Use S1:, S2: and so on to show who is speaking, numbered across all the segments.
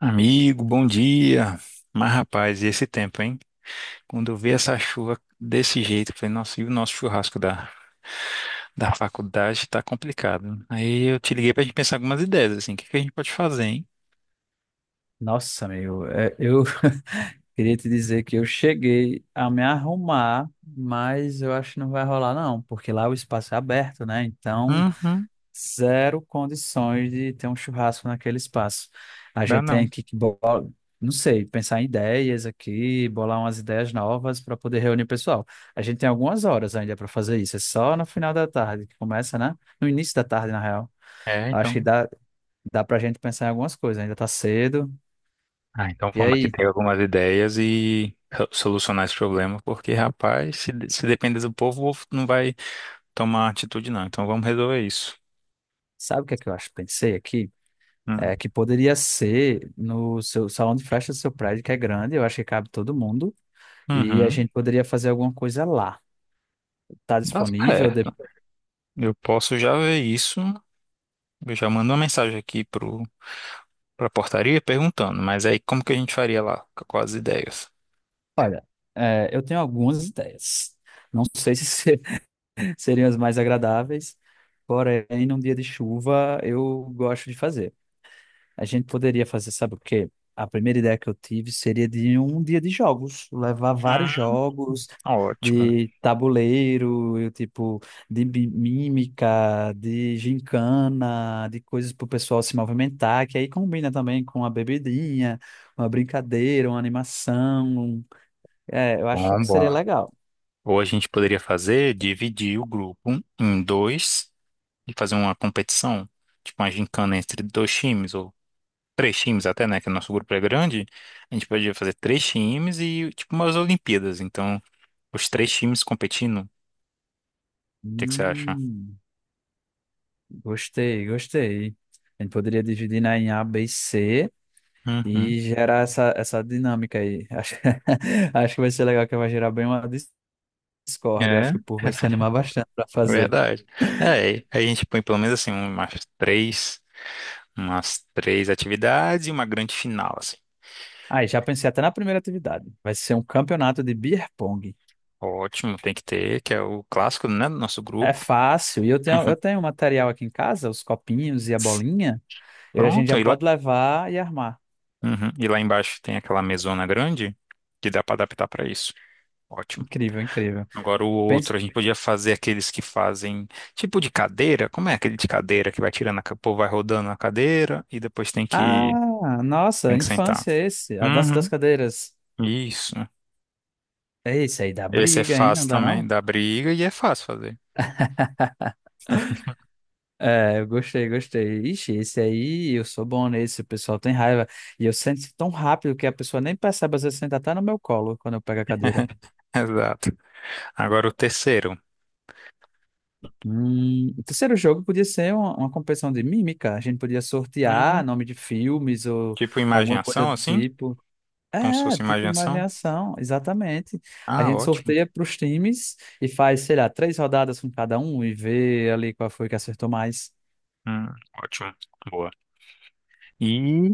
S1: Amigo, bom dia. Mas, rapaz, e esse tempo, hein? Quando eu vi essa chuva desse jeito, eu falei, nossa, e o nosso churrasco da faculdade tá complicado. Aí eu te liguei pra gente pensar algumas ideias, assim, o que que a gente pode fazer, hein?
S2: Nossa, amigo, eu queria te dizer que eu cheguei a me arrumar, mas eu acho que não vai rolar, não, porque lá o espaço é aberto, né? Então,
S1: Uhum,
S2: zero condições de ter um churrasco naquele espaço. A
S1: dá
S2: gente tem
S1: não.
S2: não sei, pensar em ideias aqui, bolar umas ideias novas para poder reunir o pessoal. A gente tem algumas horas ainda para fazer isso, é só no final da tarde que começa, né? No início da tarde, na real.
S1: É,
S2: Acho que
S1: então.
S2: dá, dá para a gente pensar em algumas coisas, ainda está cedo.
S1: Ah, então
S2: E
S1: vamos aqui
S2: aí?
S1: ter algumas ideias e solucionar esse problema, porque, rapaz, se depender do povo, o povo não vai tomar atitude, não. Então vamos resolver isso.
S2: Sabe o que é que eu acho? Pensei aqui,
S1: Hum.
S2: é que poderia ser no seu salão de festa do seu prédio, que é grande, eu acho que cabe todo mundo, e a
S1: Uhum.
S2: gente poderia fazer alguma coisa lá. Tá
S1: Tá
S2: disponível?
S1: certo. Eu posso já ver isso. Eu já mando uma mensagem pra portaria perguntando, mas aí como que a gente faria lá? Quais as ideias?
S2: Olha, eu tenho algumas ideias. Não sei se se- Seriam as mais agradáveis, porém, num dia de chuva, eu gosto de fazer. A gente poderia fazer, sabe o quê? A primeira ideia que eu tive seria de um dia de jogos, levar vários
S1: Hum,
S2: jogos
S1: ótimo.
S2: de tabuleiro, eu, tipo, mímica, de gincana, de coisas para o pessoal se movimentar, que aí combina também com a bebidinha, uma brincadeira, uma animação. É, eu acho
S1: Bom,
S2: que seria
S1: bom.
S2: legal.
S1: Ou a gente poderia fazer, dividir o grupo em dois e fazer uma competição, tipo uma gincana entre dois times, ou três times até, né? Que o nosso grupo é grande. A gente poderia fazer três times e tipo umas Olimpíadas. Então, os três times competindo. O que é que você acha?
S2: Hum, gostei, gostei. A gente poderia dividir, né, em A, B e C.
S1: Uhum.
S2: e gerar essa dinâmica aí. Acho que vai ser legal, que vai gerar bem uma discórdia. Eu acho
S1: É,
S2: que o povo vai se animar bastante para fazer.
S1: verdade. É, aí a gente põe pelo menos assim, umas três. Umas três atividades e uma grande final, assim.
S2: Aí, já pensei até na primeira atividade. Vai ser um campeonato de beer pong.
S1: Ótimo, tem que ter, que é o clássico, né, do nosso
S2: É
S1: grupo.
S2: fácil. E eu tenho material aqui em casa, os copinhos e a bolinha. E a gente
S1: Pronto,
S2: já
S1: e lá,
S2: pode levar e armar.
S1: uhum. E lá embaixo tem aquela mesona grande que dá para adaptar para isso. Ótimo.
S2: Incrível, incrível.
S1: Agora o
S2: Pense...
S1: outro, a gente podia fazer aqueles que fazem tipo de cadeira. Como é aquele de cadeira que vai tirando o povo vai rodando a cadeira e depois
S2: Ah, nossa,
S1: tem que sentar.
S2: infância é esse. A dança das
S1: Uhum.
S2: cadeiras.
S1: Isso.
S2: É esse aí, dá
S1: Esse é
S2: briga, hein? Não
S1: fácil
S2: dá
S1: também,
S2: não?
S1: dá briga e é fácil fazer.
S2: É, eu gostei, gostei. Ixi, esse aí, eu sou bom nesse, o pessoal tem raiva. E eu sento tão rápido que a pessoa nem percebe, às vezes senta até no meu colo quando eu pego a cadeira.
S1: Exato. Agora o terceiro.
S2: O terceiro jogo podia ser uma competição de mímica. A gente podia
S1: Hum,
S2: sortear nome de filmes ou
S1: Tipo
S2: alguma coisa
S1: imaginação,
S2: do
S1: assim?
S2: tipo.
S1: Como se
S2: É,
S1: fosse
S2: tipo
S1: imaginação?
S2: imaginação, exatamente. A
S1: Ah,
S2: gente
S1: ótimo.
S2: sorteia para os times e faz, sei lá, três rodadas com cada um e vê ali qual foi que acertou mais.
S1: Hum, ótimo. Boa. E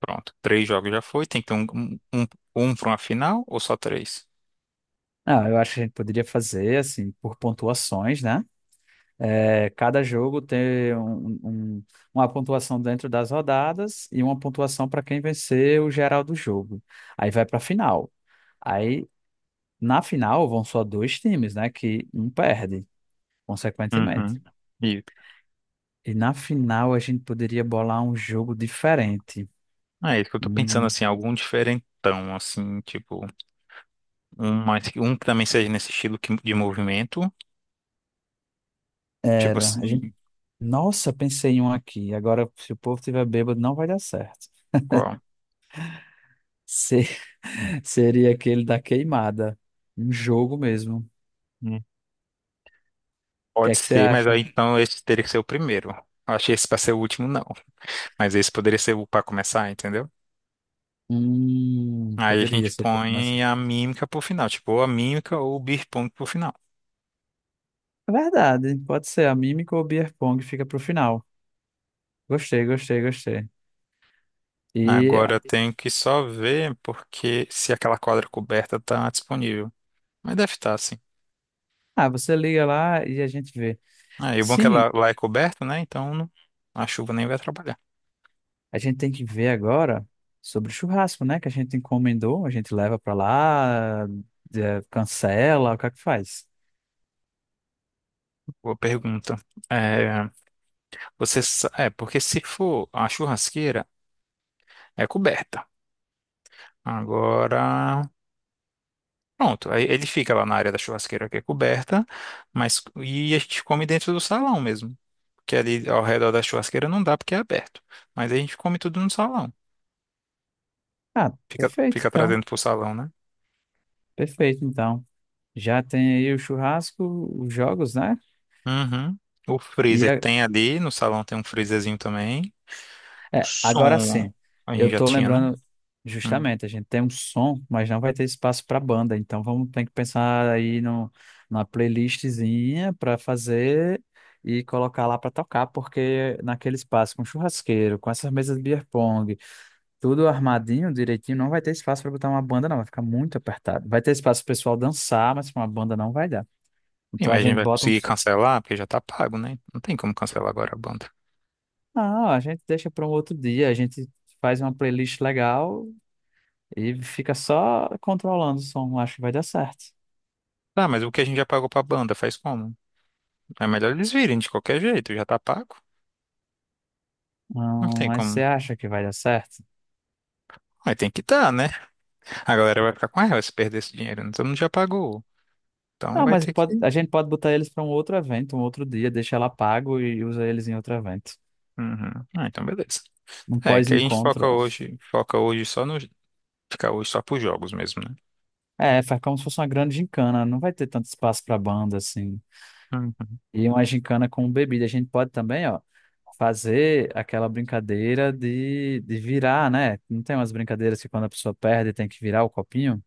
S1: pronto. Três jogos já foi. Tem que ter um, um para uma final ou só três?
S2: Não, eu acho que a gente poderia fazer, assim, por pontuações, né? É, cada jogo tem um, uma pontuação dentro das rodadas e uma pontuação para quem vencer o geral do jogo. Aí vai para a final. Aí na final vão só dois times, né? Que um perde, consequentemente.
S1: Uhum. E
S2: E na final a gente poderia bolar um jogo diferente.
S1: ah, é isso que eu tô pensando,
S2: Hum,
S1: assim, algum diferentão, assim, tipo, um que também seja nesse estilo de movimento. Tipo
S2: era. A gente...
S1: assim,
S2: Nossa, pensei em um aqui. Agora, se o povo tiver bêbado, não vai dar certo.
S1: qual?
S2: Se- Seria aquele da queimada. Um jogo mesmo. O
S1: Hum.
S2: que
S1: Pode
S2: é que você
S1: ser, mas aí
S2: acha?
S1: então esse teria que ser o primeiro. Eu achei esse pra ser o último, não. Mas esse poderia ser o pra começar, entendeu? Aí a
S2: Poderia
S1: gente
S2: ser, mas
S1: põe a mímica pro final, tipo, ou a mímica ou o beer pong pro final.
S2: é verdade, pode ser. A mímica ou o beer pong fica pro final. Gostei, gostei, gostei. E
S1: Agora eu tenho que só ver porque se aquela quadra coberta tá disponível. Mas deve estar, sim.
S2: ah, você liga lá e a gente vê.
S1: Ah, e o bom é que
S2: Sim,
S1: ela lá é coberta, né? Então não, a chuva nem vai atrapalhar.
S2: a gente tem que ver agora sobre o churrasco, né? Que a gente encomendou, a gente leva pra lá, cancela, o que é que faz?
S1: Boa pergunta. É, é, porque se for a churrasqueira, é coberta. Agora. Pronto, aí ele fica lá na área da churrasqueira que é coberta, mas e a gente come dentro do salão mesmo, porque ali ao redor da churrasqueira não dá porque é aberto, mas aí a gente come tudo no salão.
S2: Ah,
S1: Fica,
S2: perfeito,
S1: fica
S2: então.
S1: trazendo pro salão, né?
S2: Perfeito, então. Já tem aí o churrasco, os jogos, né?
S1: Uhum. O freezer
S2: e
S1: tem ali, no salão tem um freezerzinho também. O
S2: É, agora
S1: som
S2: sim,
S1: a gente
S2: eu
S1: já
S2: tô
S1: tinha, né?
S2: lembrando
S1: Hum.
S2: justamente, a gente tem um som, mas não vai ter espaço para banda, então vamos ter que pensar aí no, numa playlistzinha para fazer e colocar lá para tocar, porque naquele espaço com churrasqueiro, com essas mesas de beer pong, tudo armadinho, direitinho, não vai ter espaço para botar uma banda, não, vai ficar muito apertado. Vai ter espaço pro pessoal dançar, mas pra uma banda não vai dar.
S1: Sim,
S2: Então a
S1: mas a gente
S2: gente
S1: vai
S2: bota
S1: conseguir
S2: uns.
S1: cancelar porque já tá pago, né? Não tem como cancelar agora a banda.
S2: Não, a gente deixa para um outro dia, a gente faz uma playlist legal e fica só controlando o som. Acho que vai dar certo.
S1: Tá, mas o que a gente já pagou pra banda faz como? É melhor eles virem de qualquer jeito, já tá pago. Não
S2: Não,
S1: tem
S2: mas
S1: como.
S2: você acha que vai dar certo?
S1: Mas tem que dar, né? A galera vai ficar com raiva se perder esse dinheiro, né? Todo mundo já pagou. Então
S2: Ah,
S1: vai
S2: mas
S1: ter que.
S2: pode, a gente pode botar eles para um outro evento, um outro dia, deixa ela pago e usa eles em outro evento.
S1: Uhum. Ah, então beleza.
S2: Um
S1: É, que a gente
S2: pós-encontro.
S1: foca hoje só no. Ficar hoje só pros jogos mesmo, né?
S2: É, faz como se fosse uma grande gincana, não vai ter tanto espaço para banda assim.
S1: Uhum.
S2: E uma gincana com bebida. A gente pode também, ó, fazer aquela brincadeira de virar, né? Não tem umas brincadeiras que quando a pessoa perde tem que virar o copinho?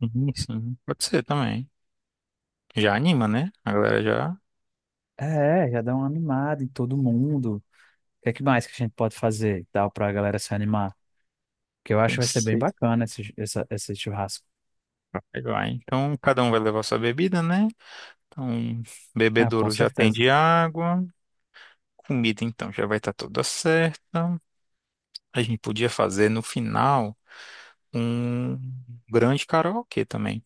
S1: Uhum, sim, pode ser também. Já anima, né? A galera já
S2: É, já dá uma animada em todo mundo. O que é que mais que a gente pode fazer e tal para a galera se animar? Porque eu acho que vai ser bem
S1: pensei.
S2: bacana esse churrasco.
S1: Vai, vai. Então cada um vai levar sua bebida, né? Então,
S2: Ah, com
S1: bebedouro já tem
S2: certeza.
S1: de água. Comida, então, já vai estar toda certa. A gente podia fazer no final um grande karaokê também.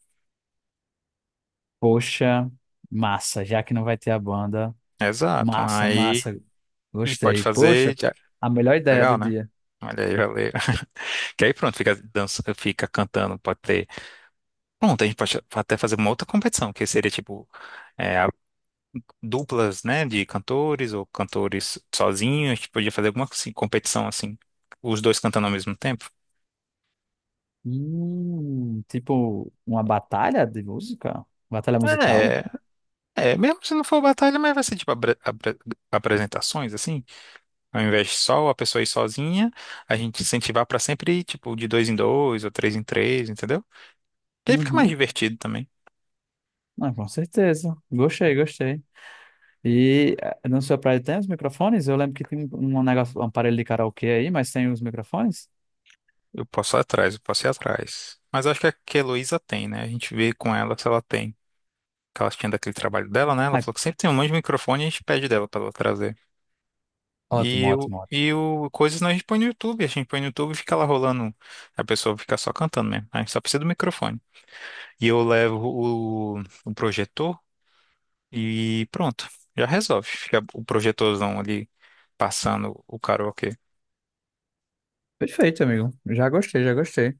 S2: Poxa, massa, já que não vai ter a banda.
S1: Exato.
S2: Massa,
S1: Aí,
S2: massa.
S1: e pode
S2: Gostei.
S1: fazer.
S2: Poxa,
S1: Já,
S2: a melhor ideia do
S1: legal, né?
S2: dia.
S1: Olha aí, valeu. Que aí pronto, fica, dança, fica cantando, pode ter. Pronto, a gente pode até fazer uma outra competição, que seria tipo é, a- duplas, né, de cantores ou cantores sozinhos. A gente podia fazer alguma assim, competição assim, os dois cantando ao mesmo tempo.
S2: Tipo uma batalha de música? Batalha musical?
S1: É, mesmo se não for batalha, mas vai ser tipo apresentações, assim. Ao invés de só a pessoa ir sozinha, a gente incentivar pra sempre ir, tipo, de dois em dois ou três em três, entendeu? E aí fica mais
S2: Uhum.
S1: divertido também.
S2: Ah, com certeza. Gostei, gostei. E na sua praia tem os microfones? Eu lembro que tem um negócio, um aparelho de karaokê aí, mas tem os microfones?
S1: Eu posso ir atrás. Mas acho que a Heloísa tem, né? A gente vê com ela se ela tem. Que ela tinha daquele trabalho dela, né? Ela
S2: Ai,
S1: falou que sempre tem um monte de microfone e a gente pede dela pra ela trazer.
S2: ótimo,
S1: E o,
S2: ótimo, ótimo.
S1: e o coisas nós a gente põe no YouTube. A gente põe no YouTube e fica lá rolando. A pessoa fica só cantando mesmo, né? A gente só precisa do microfone. E eu levo o projetor e pronto. Já resolve. Fica o projetorzão ali passando o karaokê.
S2: Perfeito, amigo. Já gostei, já gostei.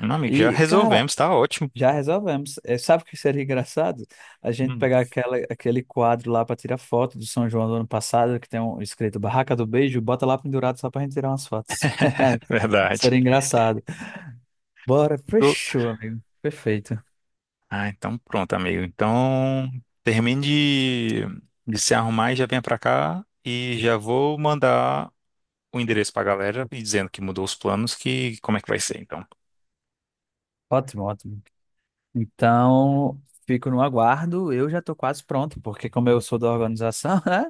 S1: Meu amigo, já
S2: E, cara,
S1: resolvemos, tá ótimo.
S2: já resolvemos. É, sabe o que seria engraçado? A gente
S1: Hum,
S2: pegar aquele quadro lá para tirar foto do São João do ano passado, que tem um escrito Barraca do Beijo, bota lá pendurado só pra gente tirar umas fotos.
S1: verdade.
S2: Seria engraçado. Bora, fechou, amigo. Perfeito.
S1: Ah, então pronto, amigo. Então termine de, de se arrumar e já venha pra cá e já vou mandar o endereço pra galera e dizendo que mudou os planos, que como é que vai ser então.
S2: Ótimo, ótimo. Então, fico no aguardo. Eu já tô quase pronto, porque como eu sou da organização, né?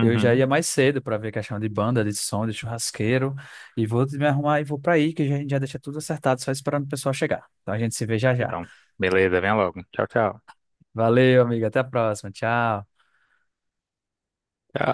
S2: Eu já ia mais cedo para ver questão de banda, de som, de churrasqueiro. E vou me arrumar e vou para aí, que a gente já deixa tudo acertado, só esperando o pessoal chegar. Então a gente se vê já já.
S1: Então, beleza, venha logo. Tchau, tchau.
S2: Valeu, amiga. Até a próxima. Tchau.
S1: Tchau.